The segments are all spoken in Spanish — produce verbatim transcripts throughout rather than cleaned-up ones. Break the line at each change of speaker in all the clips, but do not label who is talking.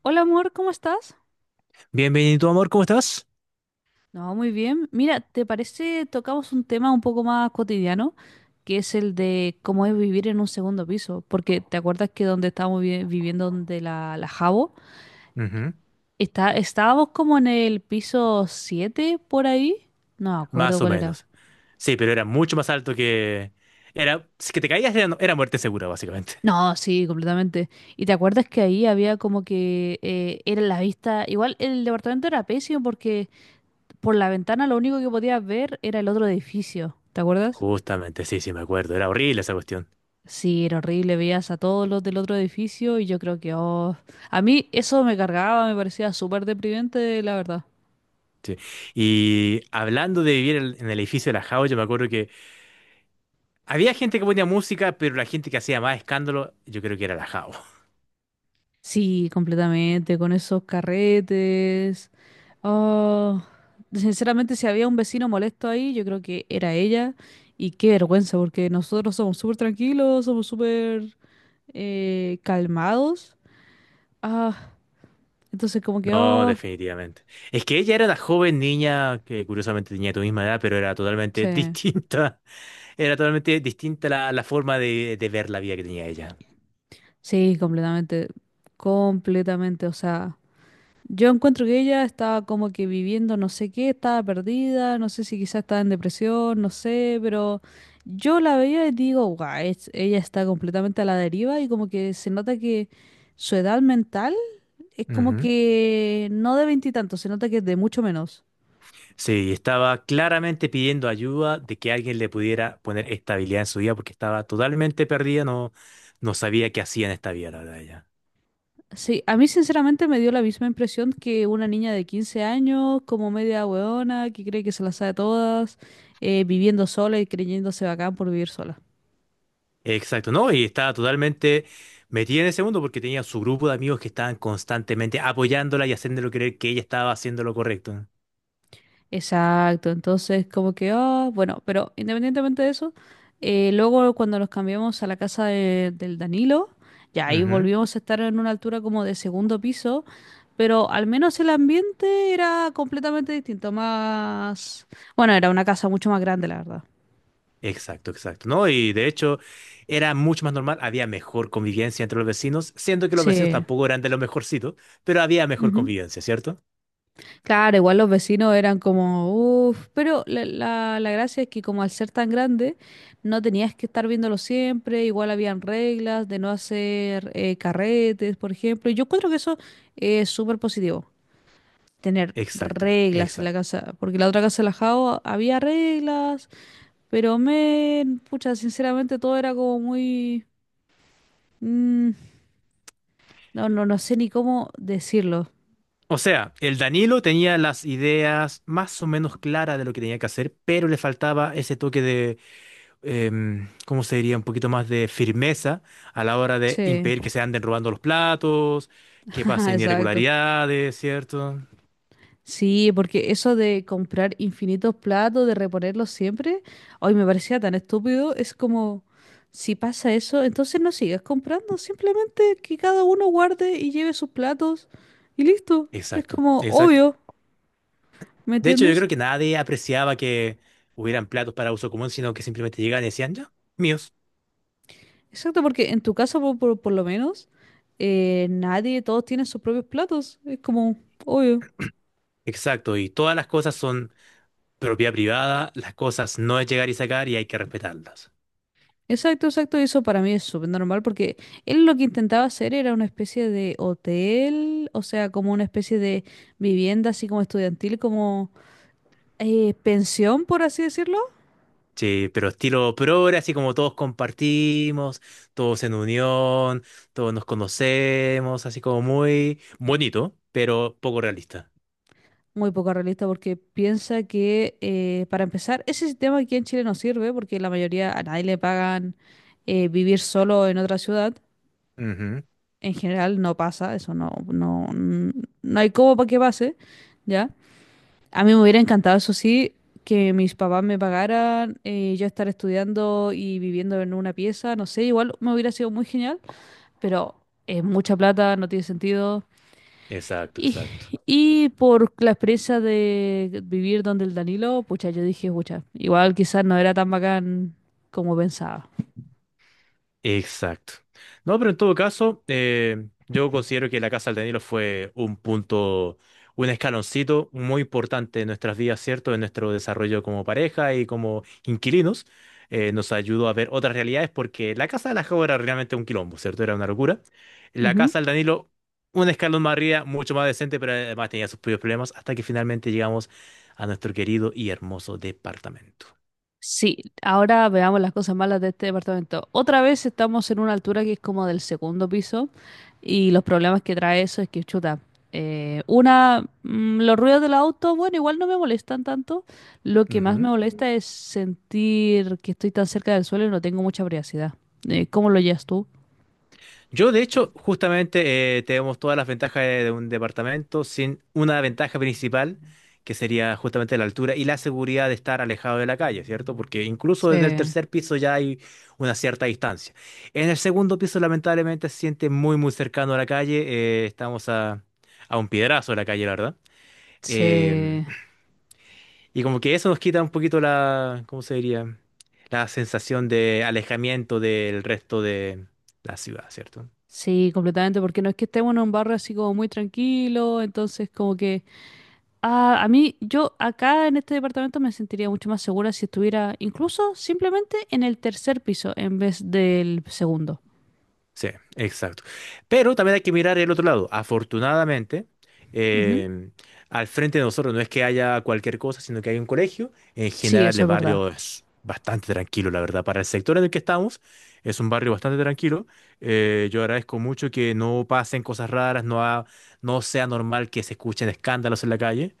Hola amor, ¿cómo estás?
Bienvenido, amor, ¿cómo estás?
No, muy bien. Mira, ¿te parece tocamos un tema un poco más cotidiano, que es el de cómo es vivir en un segundo piso? Porque ¿te acuerdas que donde estábamos vi- viviendo, donde la, la Jabo,
Ujú.
está, estábamos como en el piso siete por ahí? No me acuerdo
Más o
cuál era.
menos. Sí, pero era mucho más alto que... Era... Si que te caías era, era muerte segura, básicamente.
No, sí, completamente. ¿Y te acuerdas que ahí había como que eh, era la vista, igual el departamento era pésimo porque por la ventana lo único que podías ver era el otro edificio? ¿Te acuerdas?
Justamente, sí, sí, me acuerdo. Era horrible esa cuestión.
Sí, era horrible, veías a todos los del otro edificio y yo creo que, oh, a mí eso me cargaba, me parecía súper deprimente, la verdad.
Sí. Y hablando de vivir en en el edificio de la Jao, yo me acuerdo que había gente que ponía música, pero la gente que hacía más escándalo, yo creo que era la Jao.
Sí, completamente, con esos carretes. Oh, sinceramente, si había un vecino molesto ahí, yo creo que era ella. Y qué vergüenza, porque nosotros somos súper tranquilos, somos súper eh, calmados. Ah, entonces como que,
No,
oh,
definitivamente. Es que ella era una joven niña que curiosamente tenía tu misma edad, pero era totalmente
sí,
distinta. Era totalmente distinta la, la forma de, de ver la vida que tenía ella.
sí, completamente, completamente, o sea. Yo encuentro que ella estaba como que viviendo no sé qué, estaba perdida, no sé si quizás estaba en depresión, no sé, pero yo la veía y digo, guau, es- ella está completamente a la deriva y como que se nota que su edad mental es como
Ujú.
que no de veintitantos, se nota que es de mucho menos.
Sí, estaba claramente pidiendo ayuda de que alguien le pudiera poner estabilidad en su vida porque estaba totalmente perdida, no, no sabía qué hacía en esta vida, la verdad, ella.
Sí, a mí sinceramente me dio la misma impresión que una niña de quince años, como media hueona, que cree que se las sabe todas, eh, viviendo sola y creyéndose bacán por vivir sola.
Exacto, ¿no? Y estaba totalmente metida en ese mundo porque tenía su grupo de amigos que estaban constantemente apoyándola y haciéndole creer que ella estaba haciendo lo correcto.
Exacto, entonces como que, ah, bueno, pero independientemente de eso, eh, luego cuando nos cambiamos a la casa de- del Danilo, ya ahí
Ujú.
volvimos a estar en una altura como de segundo piso, pero al menos el ambiente era completamente distinto, más... Bueno, era una casa mucho más grande, la verdad.
Exacto, exacto, ¿no? Y de hecho era mucho más normal, había mejor convivencia entre los vecinos, siendo que los vecinos
Sí.
tampoco eran de los mejorcitos, pero había mejor convivencia, ¿cierto?
Claro, igual los vecinos eran como, uff, pero la, la- la gracia es que como al ser tan grande, no tenías que estar viéndolo siempre, igual habían reglas de no hacer eh, carretes, por ejemplo, y yo encuentro que eso es súper positivo, tener
Exacto,
reglas en la
exacto.
casa, porque la otra casa de la Jao había reglas, pero men, pucha, sinceramente todo era como muy... mm, no, no, no sé ni cómo decirlo.
O sea, el Danilo tenía las ideas más o menos claras de lo que tenía que hacer, pero le faltaba ese toque de, em, ¿cómo se diría? Un poquito más de firmeza a la hora de
Sí,
impedir que se anden robando los platos, que pasen
exacto.
irregularidades, ¿cierto?
Sí, porque eso de comprar infinitos platos, de reponerlos siempre, hoy me parecía tan estúpido. Es como, si pasa eso, entonces no sigas comprando, simplemente que cada uno guarde y lleve sus platos y listo. Es
Exacto,
como
exacto.
obvio, ¿me
De hecho, yo
entiendes?
creo que nadie apreciaba que hubieran platos para uso común, sino que simplemente llegaban y decían, ya, míos.
Exacto, porque en tu casa, por, por- por lo menos, eh, nadie, todos tienen sus propios platos. Es como obvio.
Exacto, y todas las cosas son propiedad privada, las cosas no es llegar y sacar y hay que respetarlas.
Exacto, exacto, eso para mí es súper normal porque él lo que intentaba hacer era una especie de hotel, o sea, como una especie de vivienda así como estudiantil, como eh, pensión, por así decirlo.
Sí, pero estilo progre, así como todos compartimos, todos en unión, todos nos conocemos, así como muy bonito, pero poco realista.
Muy poco realista porque piensa que, eh, para empezar, ese sistema aquí en Chile no sirve porque la mayoría a nadie le pagan eh, vivir solo en otra ciudad.
Ujú.
En general no pasa, eso no, no, mm, no hay cómo para que pase, ¿ya? A mí me hubiera encantado, eso sí, que mis papás me pagaran, eh, yo estar estudiando y viviendo en una pieza, no sé, igual me hubiera sido muy genial, pero es mucha plata, no tiene sentido.
Exacto,
Y,
exacto.
y por la experiencia de vivir donde el Danilo, pucha, yo dije, pucha, igual quizás no era tan bacán como pensaba.
Exacto. No, pero en todo caso, eh, yo considero que la Casa del Danilo fue un punto, un escaloncito muy importante en nuestras vidas, ¿cierto? En nuestro desarrollo como pareja y como inquilinos. Eh, nos ayudó a ver otras realidades porque la Casa de la Jau era realmente un quilombo, ¿cierto? Era una locura. La
Ujú.
Casa del Danilo, un escalón más arriba, mucho más decente, pero además tenía sus propios problemas hasta que finalmente llegamos a nuestro querido y hermoso departamento.
Sí, ahora veamos las cosas malas de este departamento. Otra vez estamos en una altura que es como del segundo piso y los problemas que trae eso es que, chuta, eh, una, mm, los ruidos del auto, bueno, igual no me molestan tanto. Lo que más me molesta es sentir que estoy tan cerca del suelo y no tengo mucha privacidad. Eh, ¿cómo lo llevas tú?
Yo, de hecho, justamente eh, tenemos todas las ventajas de, de un departamento sin una ventaja principal, que sería justamente la altura y la seguridad de estar alejado de la calle, ¿cierto? Porque incluso
Sí,
desde el tercer piso ya hay una cierta distancia. En el segundo piso, lamentablemente, se siente muy, muy cercano a la calle. eh, estamos a, a un piedrazo de la calle, la verdad. Em,
sí.
y como que eso nos quita un poquito la, ¿cómo se diría? La sensación de alejamiento del resto de la ciudad, ¿cierto?
Sí, completamente, porque no es que estemos en un barrio así como muy tranquilo, entonces como que... Ah, a mí, yo acá en este departamento me sentiría mucho más segura si estuviera incluso simplemente en el tercer piso en vez del segundo.
Sí, exacto. Pero también hay que mirar el otro lado. Afortunadamente,
Ujú.
em, al frente de nosotros no es que haya cualquier cosa, sino que hay un colegio. En
Sí,
general,
eso
el
es verdad.
barrio es bastante tranquilo, la verdad. Para el sector en el que estamos, es un barrio bastante tranquilo. Eh, yo agradezco mucho que no pasen cosas raras, no, ha- no sea normal que se escuchen escándalos en la calle.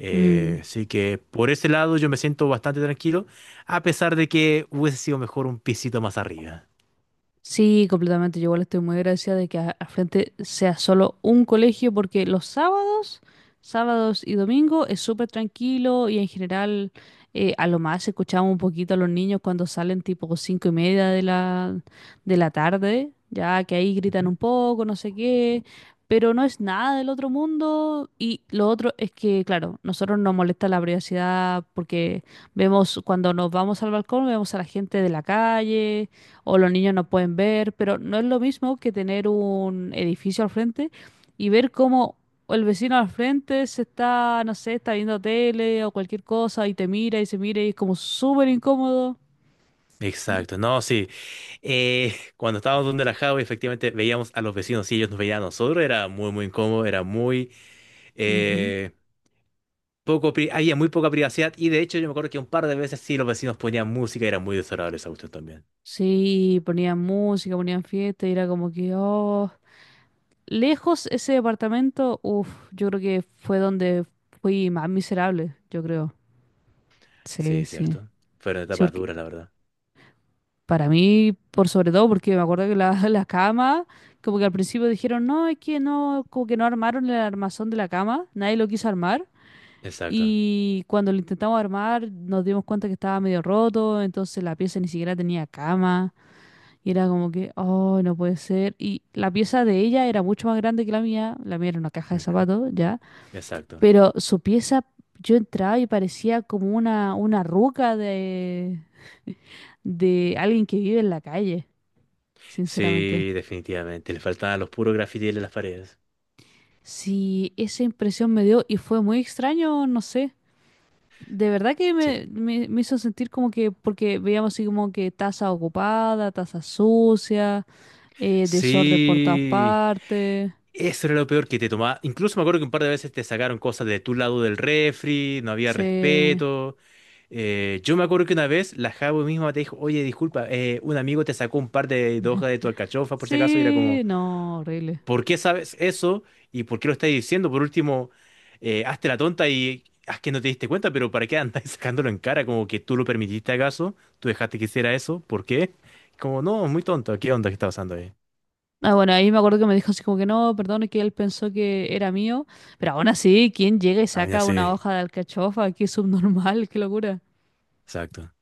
Eh,
Mm.
así que por ese lado yo me siento bastante tranquilo, a pesar de que hubiese sido mejor un pisito más arriba.
Sí, completamente. Yo igual estoy muy agradecida de que a- al frente sea solo un colegio, porque los sábados, sábados y domingo es súper tranquilo y en general eh, a lo más escuchamos un poquito a los niños cuando salen tipo cinco y media de la, de la tarde, ya que ahí gritan
Ujú.
un poco, no sé qué, pero no es nada del otro mundo. Y lo otro es que, claro, nosotros nos molesta la privacidad porque vemos cuando nos vamos al balcón, vemos a la gente de la calle o los niños no pueden ver, pero no es lo mismo que tener un edificio al frente y ver cómo el vecino al frente se está, no sé, está viendo tele o cualquier cosa y te mira y se mira y es como súper incómodo.
Exacto, no, sí. Eh, cuando estábamos donde la Java, efectivamente veíamos a los vecinos y ellos nos veían a nosotros. Era muy, muy incómodo, era muy
Ujú.
eh, poco, pri- había muy poca privacidad. Y de hecho, yo me acuerdo que un par de veces sí los vecinos ponían música y era muy desagradable esa cuestión también.
Sí, ponían música, ponían fiesta y era como que, oh, lejos ese departamento, uff, yo creo que fue donde fui más miserable, yo creo. Sí,
Sí,
sí.
cierto. Fueron
Sí,
etapas duras, la verdad.
para mí, por sobre todo, porque me acuerdo que la, la cama, como que al principio dijeron, no, es que no, como que no armaron el armazón de la cama, nadie lo quiso armar.
Exacto.
Y cuando lo intentamos armar, nos dimos cuenta que estaba medio roto, entonces la pieza ni siquiera tenía cama. Y era como que, oh, no puede ser. Y la pieza de ella era mucho más grande que la mía, la mía era una caja de
Ujú.
zapatos, ya.
Exacto.
Pero su pieza, yo entraba y parecía como una, una ruca de, de alguien que vive en la calle sinceramente.
Sí, definitivamente. Le faltaban los puros grafitis en las paredes.
Sí, esa impresión me dio y fue muy extraño, no sé. De verdad que
Sí.
me, me- me hizo sentir como que, porque veíamos así como que taza ocupada, taza sucia, eh, desorden por todas
Sí.
partes.
Eso era lo peor que te tomaba. Incluso me acuerdo que un par de veces te sacaron cosas de tu lado del refri, no había
Sí,
respeto. Eh, yo me acuerdo que una vez la Jabo misma te dijo, oye, disculpa, eh, un amigo te sacó un par de, de hojas de tu alcachofa por si acaso, y era como,
sí, no, horrible.
¿por qué sabes eso? ¿Y por qué lo estás diciendo? Por último, eh, hazte la tonta y haz que no te diste cuenta, pero ¿para qué andas sacándolo en cara? Como que tú lo permitiste acaso, tú dejaste que hiciera eso, ¿por qué? Como, no, muy tonto, ¿qué onda que está pasando ahí?
Ah, bueno, ahí me acuerdo que me dijo así como que no, perdón, es que él pensó que era mío, pero aún así, ¿quién llega y
Ah, ya
saca una
sé,
hoja de alcachofa? Qué subnormal, qué locura.
exacto.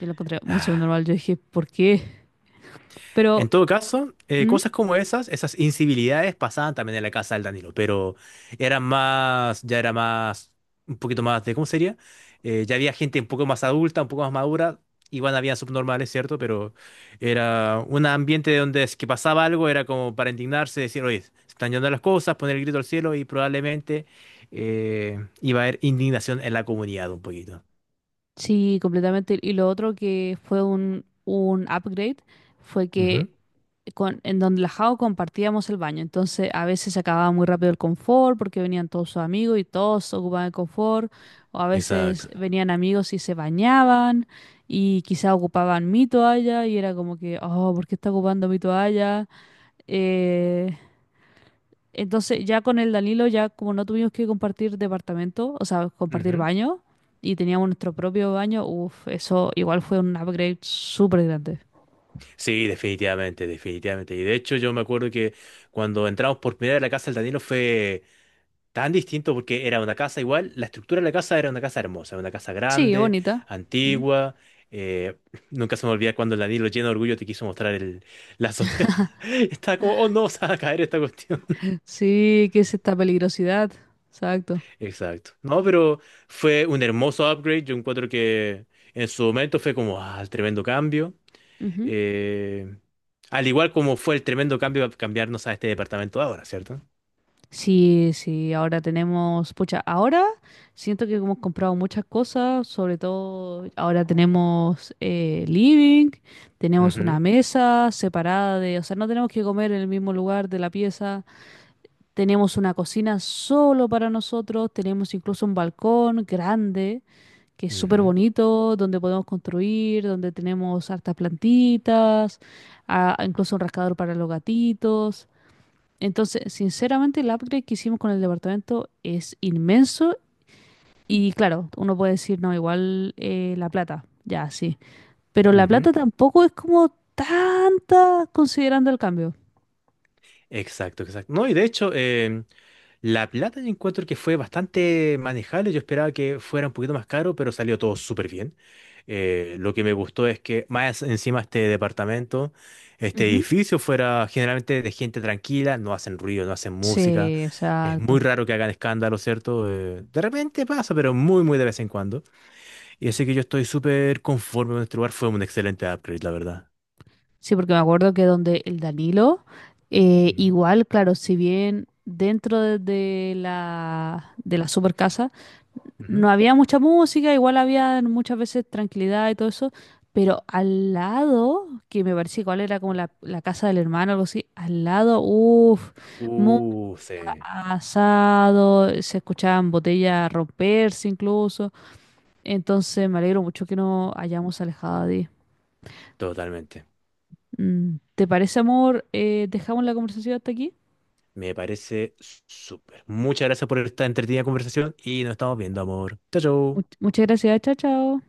Yo lo encontré muy
Ah.
subnormal, yo dije, ¿por qué? Pero...
En todo caso, eh,
¿Mm?
cosas como esas, esas incivilidades pasaban también en la casa del Danilo, pero eran más, ya era más, un poquito más de, ¿cómo sería? Eh, ya había gente un poco más adulta, un poco más madura, igual había subnormales, ¿cierto? Pero era un ambiente donde es que pasaba algo, era como para indignarse, decir, oye, se están yendo las cosas, poner el grito al cielo y probablemente eh, iba a haber indignación en la comunidad un poquito.
Sí, completamente. Y lo otro que fue un, un upgrade fue que
Ujú.
con, en donde la Jao compartíamos el baño. Entonces a veces se acababa muy rápido el confort porque venían todos sus amigos y todos ocupaban el confort. O a veces
Exacto.
venían amigos y se bañaban y quizá ocupaban mi toalla y era como que, oh, ¿por qué está ocupando mi toalla? Eh, entonces, ya con el Danilo, ya como no tuvimos que compartir departamento, o sea, compartir
Ujú.
baño, y teníamos nuestro propio baño, uff, eso igual fue un upgrade súper grande.
Sí, definitivamente, definitivamente. Y de hecho yo me acuerdo que cuando entramos por primera vez a la casa del Danilo fue tan distinto porque era una casa igual, la estructura de la casa era una casa hermosa, una casa
Sí,
grande,
bonita. Mm.
antigua. eh, Nunca se me olvida cuando el Danilo lleno de orgullo te quiso mostrar el, la azotea. Estaba como, oh no, se va a caer esta cuestión.
Sí, que es esta peligrosidad. Exacto.
Exacto. No, pero fue un hermoso upgrade. Yo encuentro que en su momento fue como, ah, tremendo cambio.
Ujú.
Eh, Al igual como fue el tremendo cambio a cambiarnos a este departamento ahora, ¿cierto?
Sí, sí, ahora tenemos, pucha, ahora siento que hemos comprado muchas cosas, sobre todo ahora tenemos eh, living, tenemos una
Ujú,
mesa separada de, o sea, no tenemos que comer en el mismo lugar de la pieza. Tenemos una cocina solo para nosotros, tenemos incluso un balcón grande, que es súper
ujú,
bonito, donde podemos construir, donde tenemos hartas plantitas, ah, incluso un rascador para los gatitos. Entonces, sinceramente, el upgrade que hicimos con el departamento es inmenso y claro, uno puede decir, no, igual eh, la plata, ya, sí. Pero la
ujú.
plata tampoco es como tanta considerando el cambio.
Exacto, exacto. No, y de hecho, em, la plata yo encuentro que fue bastante manejable. Yo esperaba que fuera un poquito más caro, pero salió todo súper bien. Eh, lo que me gustó es que más encima este departamento, este
Ujú.
edificio fuera generalmente de gente tranquila, no hacen ruido, no hacen música.
Sí,
Es muy
exacto.
raro que hagan escándalo, ¿cierto? Eh, de repente pasa, pero muy, muy de vez en cuando. Y así que yo estoy súper conforme con este lugar. Fue un excelente upgrade, la verdad.
Sí, porque me acuerdo que donde el Danilo, eh,
Ujú,
igual, claro, si bien dentro de, de la, de la super casa
ujú.
no había mucha música, igual había muchas veces tranquilidad y todo eso, pero al lado, que me parecía igual era como la, la casa del hermano, algo así, al lado, uff, muy
Uh, sí,
asado, se escuchaban botellas romperse incluso, entonces me alegro mucho que nos hayamos alejado.
totalmente.
Mm, ¿Te parece, amor? Eh, dejamos la conversación hasta aquí.
Me parece súper. Muchas gracias por esta entretenida conversación y nos estamos viendo, amor. Chao, chao.
Much- muchas gracias, chao, chao.